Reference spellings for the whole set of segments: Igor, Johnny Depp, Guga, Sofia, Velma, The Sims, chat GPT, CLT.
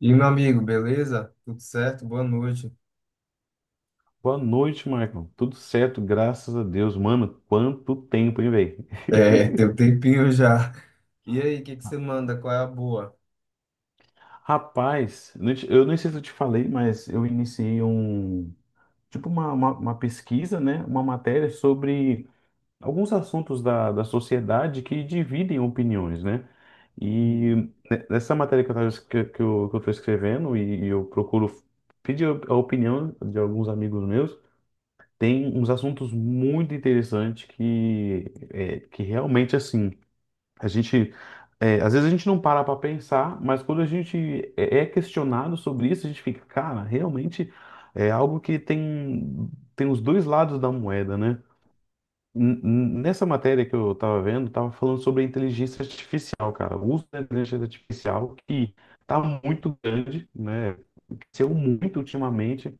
E meu amigo, beleza? Tudo certo? Boa noite. Boa noite, Michael. Tudo certo, graças a Deus. Mano, quanto tempo, hein, velho? É, tem um tempinho já. E aí, o que que você manda? Qual é a boa? Rapaz, eu nem sei se eu te falei, mas eu iniciei um, tipo uma pesquisa, né? Uma matéria sobre alguns assuntos da sociedade que dividem opiniões, né? E Hum. Nessa matéria que eu tava, es- que eu tô escrevendo e eu procuro pedir a opinião de alguns amigos meus. Tem uns assuntos muito interessantes que, que realmente, assim, a gente, às vezes a gente não para para pensar, mas quando a gente é questionado sobre isso, a gente fica, cara, realmente é algo que tem os dois lados da moeda, né? Nessa matéria que eu estava vendo, tava falando sobre a inteligência artificial, cara. O uso da inteligência artificial que tá muito grande, né? Cresceu muito ultimamente,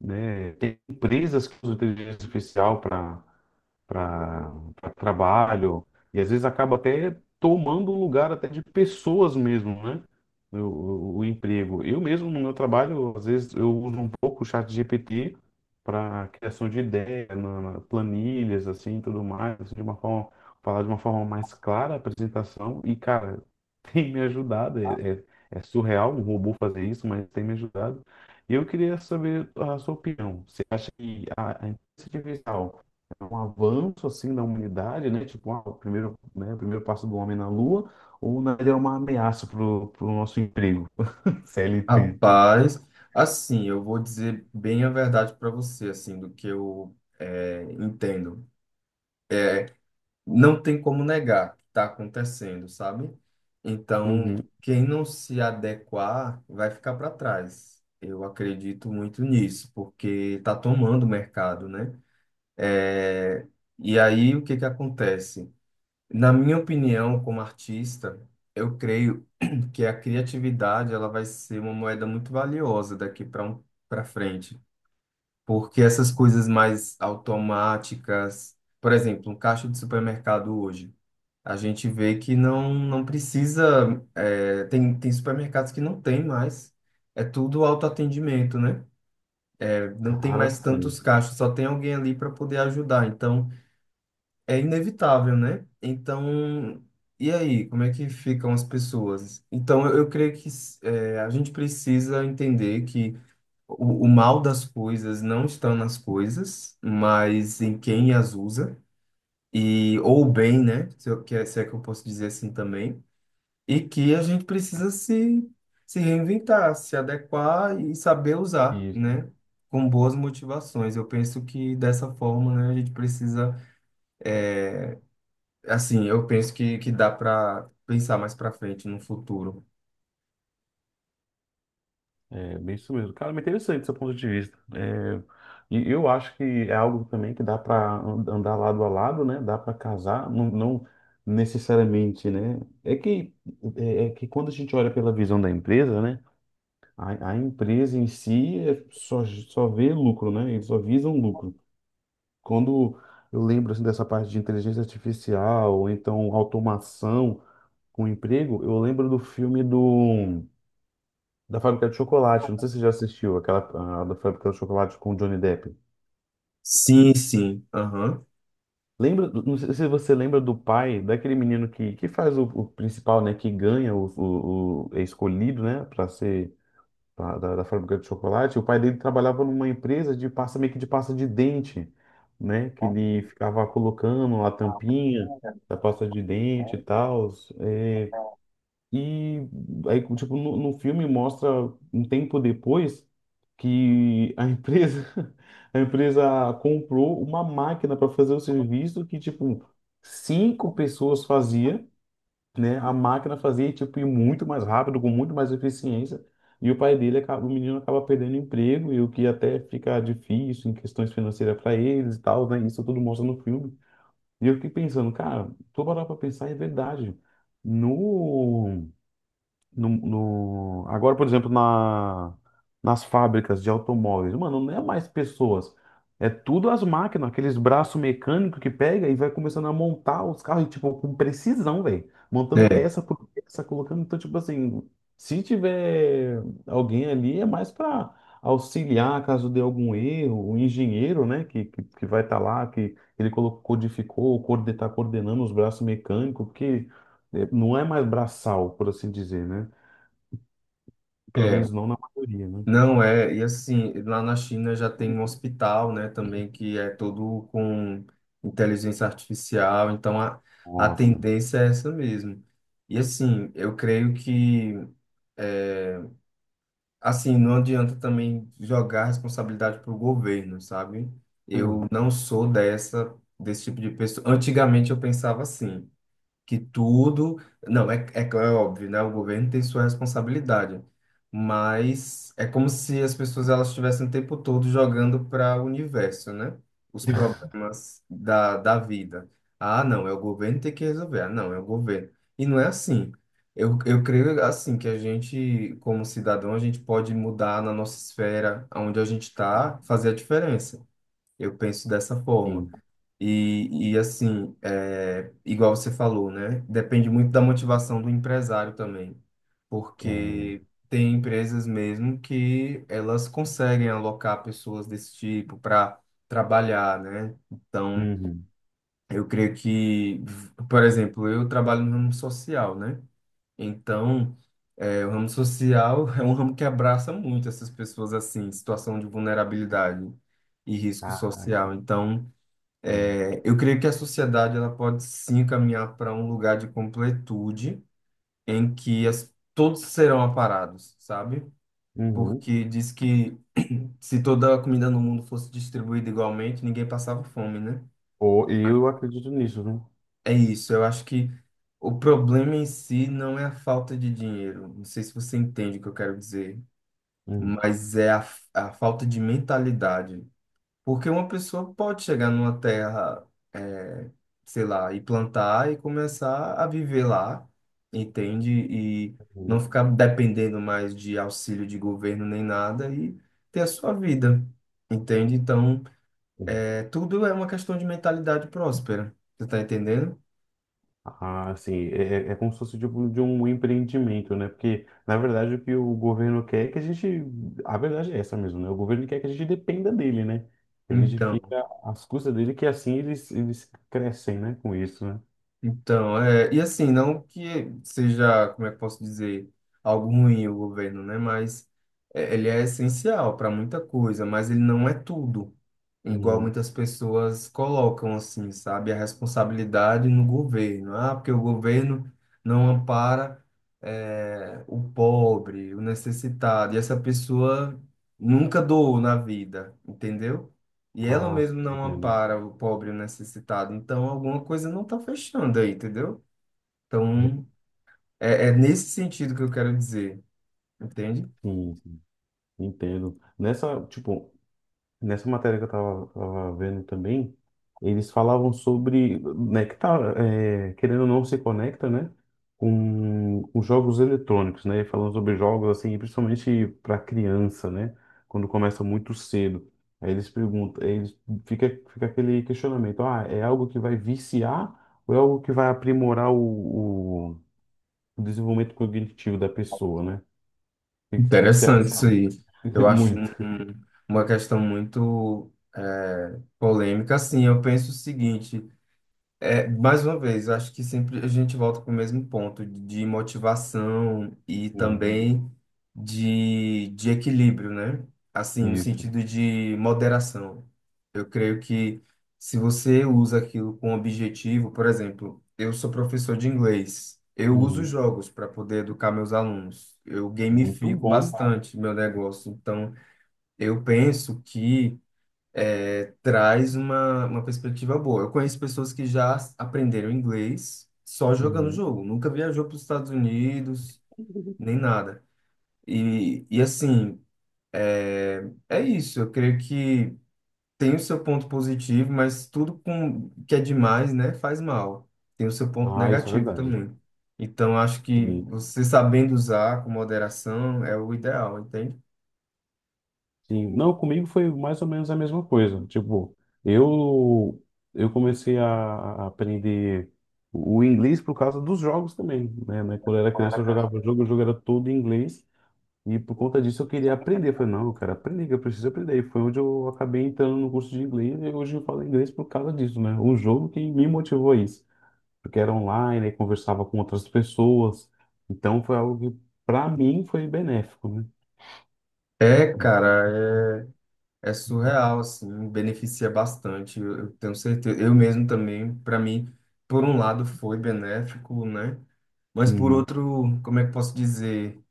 né? Tem empresas que usam inteligência artificial para trabalho, e às vezes acaba até tomando o lugar até de pessoas mesmo, né? O emprego. Eu mesmo, no meu trabalho, às vezes eu uso um pouco o chat GPT para criação de ideia, planilhas, assim, tudo mais, assim, de uma forma, falar de uma forma mais clara a apresentação, e, cara, tem me ajudado, é surreal um robô fazer isso, mas tem me ajudado. E eu queria saber a sua opinião. Você acha que a inteligência artificial um avanço assim da humanidade, né? Tipo, ah, o primeiro, né, o primeiro passo do homem na Lua, ou na verdade é uma ameaça pro nosso emprego, CLT. Rapaz, assim, eu vou dizer bem a verdade para você, assim, do que eu entendo. Não tem como negar que está acontecendo, sabe? Então, Uhum. quem não se adequar vai ficar para trás. Eu acredito muito nisso, porque está tomando o mercado, né? É, e aí, o que que acontece? Na minha opinião, como artista, eu creio que a criatividade ela vai ser uma moeda muito valiosa daqui para um, para frente, porque essas coisas mais automáticas, por exemplo, um caixa de supermercado hoje, a gente vê que não precisa, é, tem supermercados que não tem mais, é tudo autoatendimento, né? É, não tem Cara, mais tantos sim. caixas, só tem alguém ali para poder ajudar. Então é inevitável, né? Então, e aí, como é que ficam as pessoas? Então, eu creio que é, a gente precisa entender que o mal das coisas não estão nas coisas, mas em quem as usa, e ou o bem, né? Se, eu, que é- se é que eu posso dizer assim também, e que a gente precisa se reinventar, se adequar e saber usar, E né? Com boas motivações. Eu penso que dessa forma, né, a gente precisa é, assim, eu penso que dá para pensar mais para frente no futuro. é bem isso mesmo. Cara, me interessante seu ponto de vista. É, e eu acho que é algo também que dá para andar lado a lado, né? Dá para casar, não necessariamente, né? É que quando a gente olha pela visão da empresa, né? A empresa em si é só vê lucro, né? Eles só visam lucro. Quando eu lembro assim, dessa parte de inteligência artificial, ou então automação com emprego, eu lembro do da Fábrica de Chocolate. Não sei se você já assistiu aquela ah, da Fábrica de Chocolate com o Johnny Depp. Sim, sim. Aham. Lembra, não sei se você lembra do pai daquele menino que faz o principal, né? Que ganha é escolhido, né? Para ser da fábrica de chocolate. O pai dele trabalhava numa empresa de pasta, meio que de pasta de dente, né? Que ele ficava colocando a tampinha da pasta de dente e tal. É, e aí, tipo, no filme mostra um tempo depois que a empresa, a empresa comprou uma máquina para fazer o serviço que, tipo, cinco pessoas faziam, né? A máquina fazia tipo ir muito mais rápido, com muito mais eficiência. E o pai dele acaba, o menino acaba perdendo emprego e o que até fica difícil em questões financeiras para eles e tal, né? Isso tudo mostra no filme. E eu fiquei pensando, cara, tô parar para pensar, é verdade. No Agora, por exemplo, nas fábricas de automóveis, mano, não é mais pessoas, é tudo as máquinas, aqueles braços mecânicos que pega e vai começando a montar os carros, tipo, com precisão, velho, montando É, peça por peça, colocando, então, tipo assim, se tiver alguém ali, é mais para auxiliar caso dê algum erro, o engenheiro, né, que vai estar lá, que ele colocou, codificou, tá coordenando os braços mecânicos, porque não é mais braçal, por assim dizer, né? Pelo é. menos não na maioria, né? Não é. E assim, lá na China já tem um hospital, né, também que é todo com inteligência artificial. Então a Nossa. tendência é essa mesmo. E assim, eu creio que assim, não adianta também jogar a responsabilidade para o governo, sabe? Eu Hum. não sou dessa desse tipo de pessoa. Antigamente eu pensava assim. Que tudo. Não, é, é, claro, é óbvio, né? O governo tem sua responsabilidade, mas é como se as pessoas elas estivessem o tempo todo jogando para o universo, né? Os problemas da, da vida. Ah, não, é o governo que tem que resolver. Ah, não, é o governo. E não é assim. Eu creio assim que a gente, como cidadão, a gente pode mudar na nossa esfera, onde a gente está, fazer a diferença. Eu penso dessa forma. Sim. E assim, é, igual você falou, né? Depende muito da motivação do empresário também, É, velho. porque tem empresas mesmo que elas conseguem alocar pessoas desse tipo para trabalhar, né? Então, Uhum. eu creio que, por exemplo, eu trabalho no ramo social, né? Então, é, o ramo social é um ramo que abraça muito essas pessoas assim, em situação de vulnerabilidade e risco Caraca. social. Então, Hum. é, eu creio que a sociedade ela pode sim caminhar para um lugar de completude em que as, todos serão aparados, sabe? Uhum. Porque diz que se toda a comida no mundo fosse distribuída igualmente, ninguém passava fome, né? Ou, e eu acredito nisso, né? É isso. Eu acho que o problema em si não é a falta de dinheiro. Não sei se você entende o que eu quero dizer, Hum. mas é a falta de mentalidade. Porque uma pessoa pode chegar numa terra, eh, sei lá, e plantar e começar a viver lá, entende? E não Uhum. ficar dependendo mais de auxílio de governo nem nada e ter a sua vida, entende? Então, Uhum. Tudo é uma questão de mentalidade próspera, você tá entendendo? Ah, sim. É, é é como se fosse tipo de um empreendimento, né? Porque, na verdade, o que o governo quer é que a gente. A verdade é essa mesmo, né? O governo quer que a gente dependa dele, né? Que a gente Então, fica às custas dele, que assim eles crescem, né? Com isso, né? Então, é, e assim, não que seja, como é que eu posso dizer, algo ruim o governo, né? Mas é, ele é essencial para muita coisa, mas ele não é tudo, igual Hum. muitas pessoas colocam assim, sabe? A responsabilidade no governo. Ah, porque o governo não ampara, é, o pobre, o necessitado, e essa pessoa nunca doou na vida, entendeu? E ela Ah, mesmo sim, não entendo. ampara o pobre e o necessitado. Então, alguma coisa não está fechando aí, entendeu? Então, é, é nesse sentido que eu quero dizer, entende? Sim, entendo. Nessa, tipo, nessa matéria que tava vendo também, eles falavam sobre, né, que tá, é, querendo ou não, se conecta, né, com jogos eletrônicos, né, falando sobre jogos, assim, principalmente para criança, né, quando começa muito cedo. Aí eles perguntam, aí eles, fica, fica aquele questionamento, ah, é algo que vai viciar ou é algo que vai aprimorar o desenvolvimento cognitivo da pessoa, né? O que, que você Interessante acha? isso aí. Eu acho Muito. Uma questão muito polêmica. Assim, eu penso o seguinte. É, mais uma vez, eu acho que sempre a gente volta para o mesmo ponto de motivação e Uhum. também de equilíbrio, né? Assim, no Isso. sentido de moderação. Eu creio que se você usa aquilo com objetivo, por exemplo, eu sou professor de inglês, eu uso Uhum. jogos para poder educar meus alunos, eu Muito gamifico bom. bastante meu negócio, então eu penso que traz uma perspectiva boa. Eu conheço pessoas que já aprenderam inglês só jogando Uhum. jogo, nunca viajou para os Estados Unidos, nem nada. E assim, é, é isso. Eu creio que tem o seu ponto positivo, mas tudo com, que é demais, né, faz mal. Tem o seu ponto Ah, isso é negativo verdade. também. Então, acho que Sim, você sabendo usar com moderação é o ideal, entende? sim. Não, comigo foi mais ou menos a mesma coisa. Tipo, eu eu comecei a aprender o inglês por causa dos jogos também, né? Quando eu era criança eu jogava jogo, o jogo era todo em inglês e por conta disso eu queria aprender. Eu falei, não, eu quero aprender, que eu preciso aprender. E foi onde eu acabei entrando no curso de inglês e hoje eu falo inglês por causa disso, né? O jogo que me motivou a isso, porque era online, e conversava com outras pessoas. Então foi algo que, para mim, foi benéfico, né? É, cara, é é surreal, assim, beneficia bastante, eu tenho certeza. Eu mesmo também, para mim, por um lado foi benéfico, né? Mas por Uhum. outro, como é que posso dizer?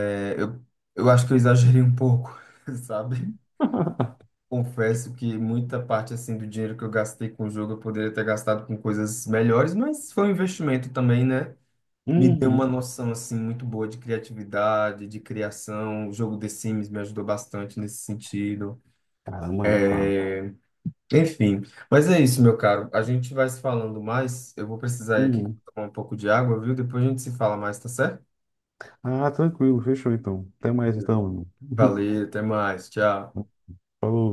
É, eu acho que eu exagerei um pouco, sabe? Confesso que muita parte, assim, do dinheiro que eu gastei com o jogo eu poderia ter gastado com coisas melhores, mas foi um investimento também, né? Me deu uma Uhum. noção, assim, muito boa de criatividade, de criação. O jogo The Sims me ajudou bastante nesse sentido. Caramba, nem fala. Enfim, mas é isso, meu caro. A gente vai se falando mais. Eu vou precisar ir aqui Uhum. tomar um pouco de água, viu? Depois a gente se fala mais, tá certo? Ah, tranquilo, fechou então. Até mais então, irmão. Valeu, até mais. Tchau. Falou.